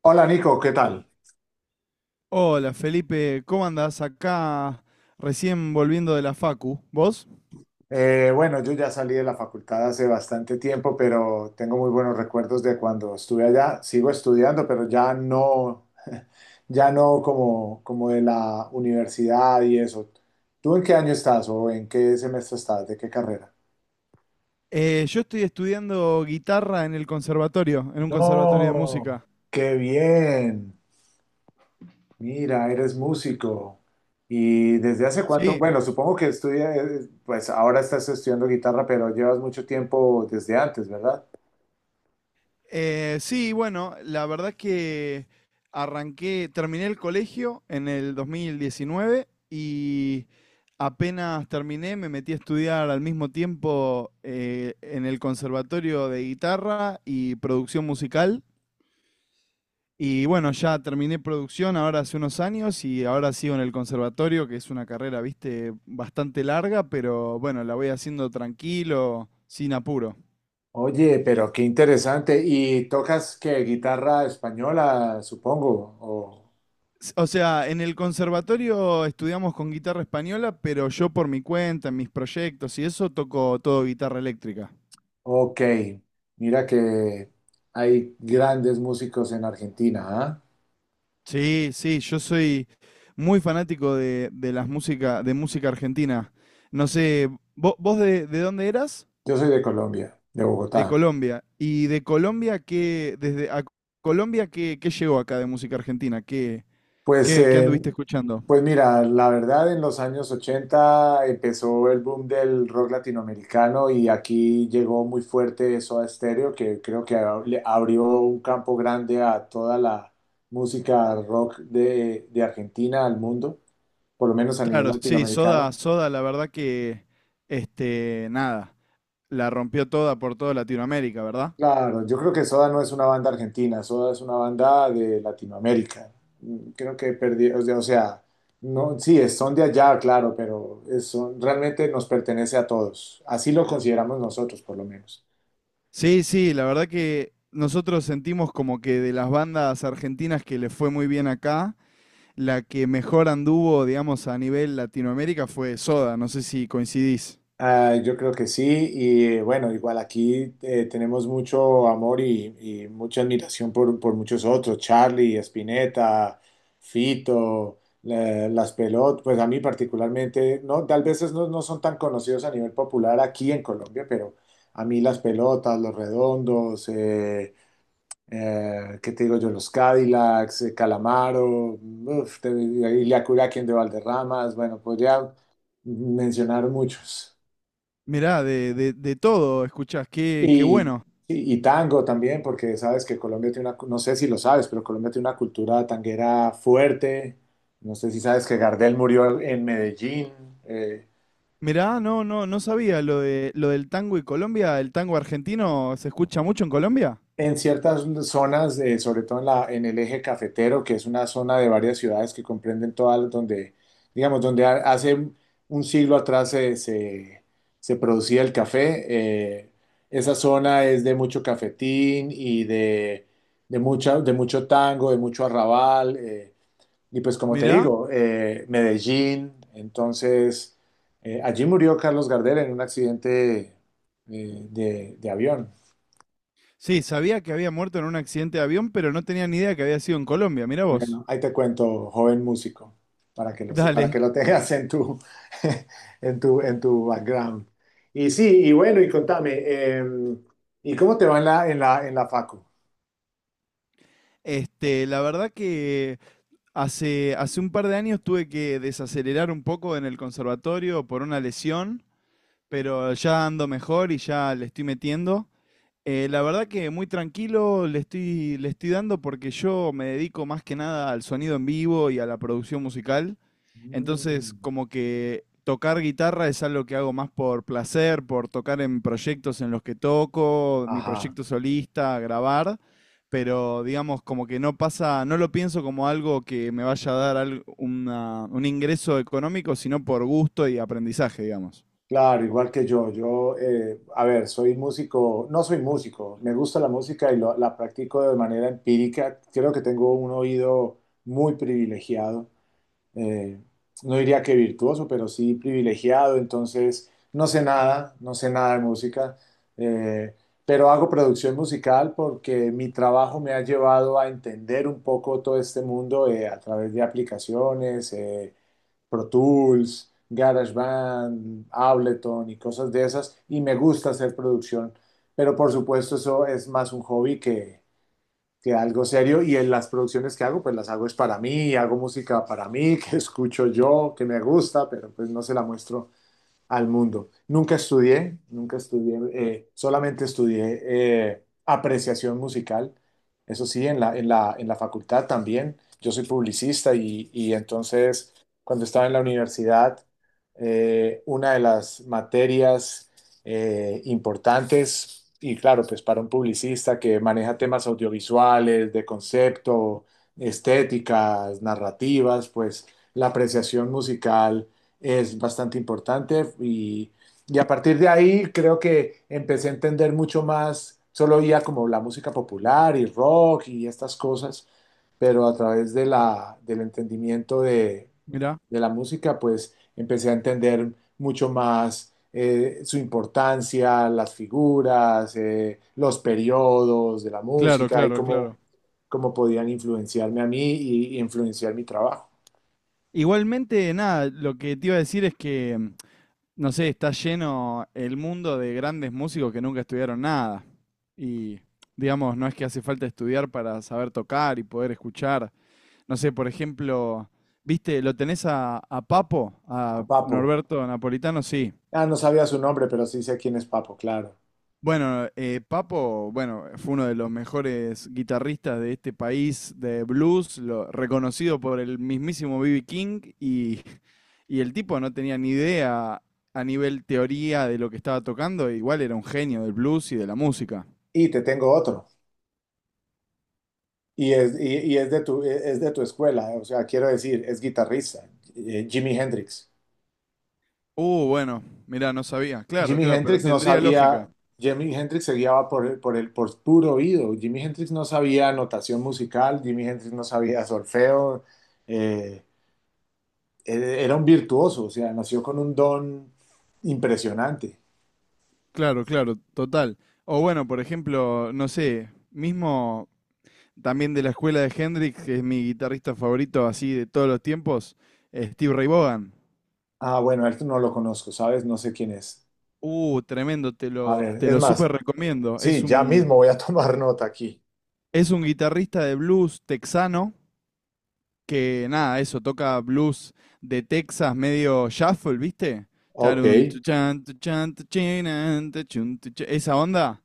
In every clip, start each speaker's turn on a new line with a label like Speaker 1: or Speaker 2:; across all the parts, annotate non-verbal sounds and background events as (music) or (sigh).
Speaker 1: Hola Nico, ¿qué tal?
Speaker 2: Hola Felipe, ¿cómo andás? Acá recién volviendo de la Facu. ¿Vos?
Speaker 1: Bueno, yo ya salí de la facultad hace bastante tiempo, pero tengo muy buenos recuerdos de cuando estuve allá. Sigo estudiando, pero ya no, (laughs) ya no como de la universidad y eso. ¿Tú en qué año estás o en qué semestre estás? ¿De qué carrera?
Speaker 2: Yo estoy estudiando guitarra en el conservatorio, en un conservatorio de
Speaker 1: No,
Speaker 2: música.
Speaker 1: qué bien. Mira, eres músico. ¿Y desde hace cuánto?
Speaker 2: Sí.
Speaker 1: Bueno, supongo que estudias, pues ahora estás estudiando guitarra, pero llevas mucho tiempo desde antes, ¿verdad?
Speaker 2: Sí, bueno, la verdad es que arranqué, terminé el colegio en el 2019 y apenas terminé me metí a estudiar al mismo tiempo en el conservatorio de guitarra y producción musical. Y bueno, ya terminé producción ahora hace unos años y ahora sigo en el conservatorio, que es una carrera, viste, bastante larga, pero bueno, la voy haciendo tranquilo, sin apuro.
Speaker 1: Oye, pero qué interesante. ¿Y tocas qué guitarra española, supongo?
Speaker 2: O sea, en el conservatorio estudiamos con guitarra española, pero yo por mi cuenta, en mis proyectos y eso, toco todo guitarra eléctrica.
Speaker 1: Ok, mira que hay grandes músicos en Argentina, ¿ah?
Speaker 2: Sí, sí, yo soy muy fanático de las música, de música argentina. No sé, ¿vos, de dónde eras?
Speaker 1: Yo soy de Colombia, de
Speaker 2: De
Speaker 1: Bogotá.
Speaker 2: Colombia. ¿Y de Colombia qué, desde a Colombia qué llegó acá de música argentina? ¿Qué,
Speaker 1: Pues,
Speaker 2: qué, qué
Speaker 1: eh,
Speaker 2: anduviste escuchando?
Speaker 1: pues mira, la verdad en los años 80 empezó el boom del rock latinoamericano y aquí llegó muy fuerte eso a estéreo, que creo que le abrió un campo grande a toda la música rock de Argentina al mundo. Por lo menos a nivel
Speaker 2: Claro, sí, Soda,
Speaker 1: latinoamericano.
Speaker 2: Soda, la verdad que, este, nada, la rompió toda por toda Latinoamérica, ¿verdad?
Speaker 1: Claro, yo creo que Soda no es una banda argentina, Soda es una banda de Latinoamérica. Creo que perdí, o sea, no, sí, son de allá, claro, pero realmente nos pertenece a todos. Así lo consideramos nosotros, por lo menos.
Speaker 2: Sí, sí, la verdad que nosotros sentimos como que de las bandas argentinas que le fue muy bien acá, la que mejor anduvo, digamos, a nivel Latinoamérica fue Soda, no sé si coincidís.
Speaker 1: Ah, yo creo que sí, y bueno, igual aquí tenemos mucho amor y mucha admiración por muchos otros, Charlie, Spinetta, Fito, Las pelotas pues a mí particularmente, no, tal vez no, no son tan conocidos a nivel popular aquí en Colombia, pero a mí Las Pelotas, Los Redondos, ¿qué te digo yo? Los Cadillacs, Calamaro, uf, y Ilia Curaquien de Valderramas, bueno, podría mencionar muchos.
Speaker 2: Mirá, de todo escuchás, qué
Speaker 1: Y,
Speaker 2: bueno.
Speaker 1: y tango también, porque sabes que Colombia tiene no sé si lo sabes, pero Colombia tiene una cultura tanguera fuerte. No sé si sabes que Gardel murió en Medellín. eh,
Speaker 2: Mirá, no, no, no sabía lo del tango y Colombia. ¿El tango argentino se escucha mucho en Colombia?
Speaker 1: En ciertas zonas, sobre todo en el eje cafetero, que es una zona de varias ciudades que comprenden todas, donde, digamos, donde hace un siglo atrás se producía el café, esa zona es de mucho cafetín y de mucho tango, de mucho arrabal, y pues como te
Speaker 2: Mirá.
Speaker 1: digo, Medellín, entonces, allí murió Carlos Gardel en un accidente de avión.
Speaker 2: Sí, sabía que había muerto en un accidente de avión, pero no tenía ni idea que había sido en Colombia. Mirá vos.
Speaker 1: Bueno, ahí te cuento, joven músico, para que
Speaker 2: Dale.
Speaker 1: lo tengas en tu, (laughs) en tu background. Y sí, y bueno, y contame, ¿y cómo te va en la facu?
Speaker 2: Este, la verdad que hace un par de años tuve que desacelerar un poco en el conservatorio por una lesión, pero ya ando mejor y ya le estoy metiendo. La verdad que muy tranquilo le estoy dando porque yo me dedico más que nada al sonido en vivo y a la producción musical. Entonces,
Speaker 1: Mm,
Speaker 2: como que tocar guitarra es algo que hago más por placer, por tocar en proyectos en los que toco, mi
Speaker 1: ajá,
Speaker 2: proyecto solista, grabar, pero digamos como que no pasa, no lo pienso como algo que me vaya a dar un ingreso económico, sino por gusto y aprendizaje, digamos.
Speaker 1: claro, igual que yo. Yo, a ver, soy músico, no soy músico, me gusta la música y la practico de manera empírica. Creo que tengo un oído muy privilegiado. eh, no diría que virtuoso, pero sí privilegiado, entonces no sé nada, no sé nada de música, eh, pero hago producción musical porque mi trabajo me ha llevado a entender un poco todo este mundo a través de aplicaciones, Pro Tools, GarageBand, Ableton y cosas de esas, y me gusta hacer producción, pero por supuesto eso es más un hobby que algo serio y en las producciones que hago, pues las hago es para mí, hago música para mí, (laughs) que escucho yo, que me gusta, pero pues no se la muestro al mundo. Nunca estudié, nunca estudié, solamente estudié apreciación musical. Eso sí, en la facultad también. Yo soy publicista y entonces cuando estaba en la universidad, una de las materias importantes, y claro, pues para un publicista que maneja temas audiovisuales, de concepto, estéticas, narrativas, pues la apreciación musical es bastante importante y a partir de ahí creo que empecé a entender mucho más, solo oía como la música popular y rock y estas cosas, pero a través del entendimiento de,
Speaker 2: Mirá,
Speaker 1: de la música, pues empecé a entender mucho más su importancia, las figuras, los periodos de la
Speaker 2: claro,
Speaker 1: música y
Speaker 2: claro,
Speaker 1: cómo,
Speaker 2: claro.
Speaker 1: cómo podían influenciarme a mí y influenciar mi trabajo.
Speaker 2: Igualmente, nada, lo que te iba a decir es que, no sé, está lleno el mundo de grandes músicos que nunca estudiaron nada. Y, digamos, no es que hace falta estudiar para saber tocar y poder escuchar. No sé, por ejemplo, ¿viste? ¿Lo tenés a, Papo,
Speaker 1: A
Speaker 2: a
Speaker 1: Papo.
Speaker 2: Norberto Napolitano? Sí.
Speaker 1: Ah, no sabía su nombre, pero sí sé quién es Papo, claro.
Speaker 2: Bueno, Papo, bueno, fue uno de los mejores guitarristas de este país de blues, reconocido por el mismísimo B.B. King, y el tipo no tenía ni idea a nivel teoría de lo que estaba tocando, e igual era un genio del blues y de la música.
Speaker 1: Y te tengo otro. Y es, y Es de tu escuela, o sea, quiero decir, es guitarrista, Jimi Hendrix.
Speaker 2: Bueno, mirá, no sabía. Claro,
Speaker 1: Jimi
Speaker 2: claro, pero
Speaker 1: Hendrix no
Speaker 2: tendría
Speaker 1: sabía,
Speaker 2: lógica.
Speaker 1: Jimi Hendrix se guiaba por puro oído. Jimi Hendrix no sabía notación musical, Jimi Hendrix no sabía solfeo. eh, Era un virtuoso, o sea, nació con un don impresionante.
Speaker 2: Claro, claro, total. O bueno, por ejemplo, no sé, mismo también de la escuela de Hendrix, que es mi guitarrista favorito así de todos los tiempos, Steve Ray Vaughan.
Speaker 1: Ah, bueno, a él no lo conozco, ¿sabes? No sé quién es.
Speaker 2: Tremendo, te
Speaker 1: A
Speaker 2: lo,
Speaker 1: ver,
Speaker 2: te
Speaker 1: es
Speaker 2: lo
Speaker 1: más,
Speaker 2: súper recomiendo. Es
Speaker 1: sí, ya
Speaker 2: un,
Speaker 1: mismo voy a (laughs) tomar nota aquí.
Speaker 2: es un guitarrista de blues texano que, nada, eso, toca blues de Texas medio shuffle, ¿viste?
Speaker 1: Ok.
Speaker 2: Charun, tuchan, tuchan, tuchinan, tuchun, tucha- Esa onda.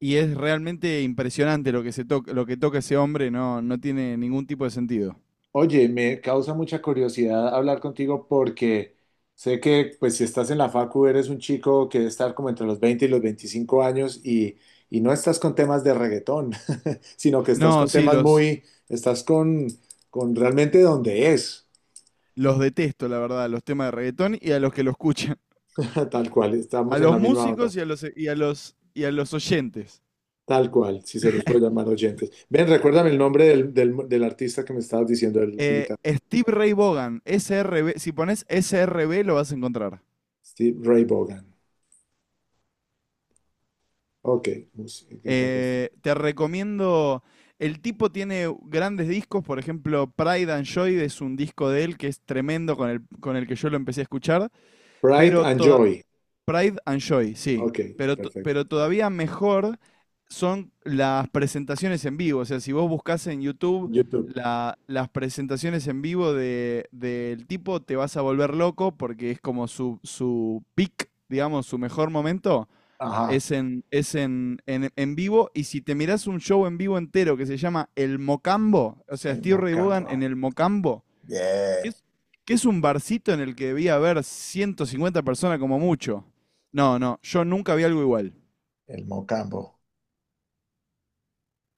Speaker 2: Y es realmente impresionante lo que, se toca, lo que toca ese hombre, no, no tiene ningún tipo de sentido.
Speaker 1: Oye, me causa mucha curiosidad hablar contigo porque sé que, pues, si estás en la facu, eres un chico que debe estar como entre los 20 y los 25 años y no estás con temas de reggaetón, (laughs) sino que estás
Speaker 2: No,
Speaker 1: con
Speaker 2: sí,
Speaker 1: temas muy, estás con realmente donde es,
Speaker 2: los detesto, la verdad, los temas de reggaetón y a los que lo escuchan. (laughs)
Speaker 1: (laughs) tal cual,
Speaker 2: A
Speaker 1: estamos en
Speaker 2: los
Speaker 1: la misma onda.
Speaker 2: músicos y a los oyentes.
Speaker 1: Tal cual, si se les puede llamar oyentes. Ven, recuérdame el nombre del artista que me estabas diciendo, el guitarrista.
Speaker 2: Steve Ray Vaughan, S R SRB, si pones S R SRB lo vas a encontrar.
Speaker 1: Steve Ray Vaughan. Ok, guitarrista.
Speaker 2: Te recomiendo, el tipo tiene grandes discos, por ejemplo, Pride and Joy es un disco de él que es tremendo con el que yo lo empecé a escuchar,
Speaker 1: Bright
Speaker 2: pero
Speaker 1: and Joy.
Speaker 2: Pride and Joy, sí.
Speaker 1: Ok,
Speaker 2: Pero, to-
Speaker 1: perfecto.
Speaker 2: pero todavía mejor son las presentaciones en vivo. O sea, si vos buscas en YouTube
Speaker 1: YouTube.
Speaker 2: las presentaciones en vivo del tipo, te vas a volver loco porque es como su peak, digamos, su mejor momento.
Speaker 1: Ajá,
Speaker 2: Es en vivo, y si te mirás un show en vivo entero que se llama El Mocambo, o sea,
Speaker 1: el
Speaker 2: Steve Ray Vaughan
Speaker 1: Mocambo.
Speaker 2: en El Mocambo, que
Speaker 1: Bien,
Speaker 2: es, que es un barcito en el que debía haber 150 personas como mucho. No, no, yo nunca vi algo igual.
Speaker 1: el Mocambo.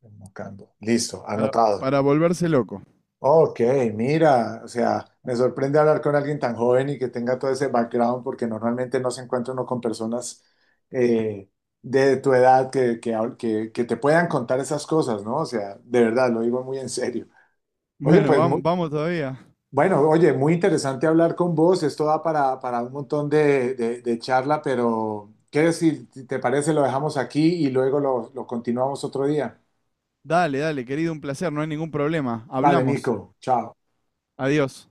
Speaker 1: El Mocambo. Listo,
Speaker 2: Para,
Speaker 1: anotado.
Speaker 2: para volverse loco.
Speaker 1: Ok, mira, o sea, me sorprende hablar con alguien tan joven y que tenga todo ese background, porque normalmente no se encuentra uno con personas eh, de tu edad que te puedan contar esas cosas, ¿no? O sea, de verdad, lo digo muy en serio. Oye,
Speaker 2: Bueno, vamos, vamos todavía.
Speaker 1: bueno, oye, muy interesante hablar con vos, esto da para un montón de charla, pero ¿qué decir? Si te parece, lo dejamos aquí y luego lo continuamos otro día.
Speaker 2: Dale, dale, querido, un placer, no hay ningún problema.
Speaker 1: Vale,
Speaker 2: Hablamos.
Speaker 1: Nico, chao.
Speaker 2: Adiós.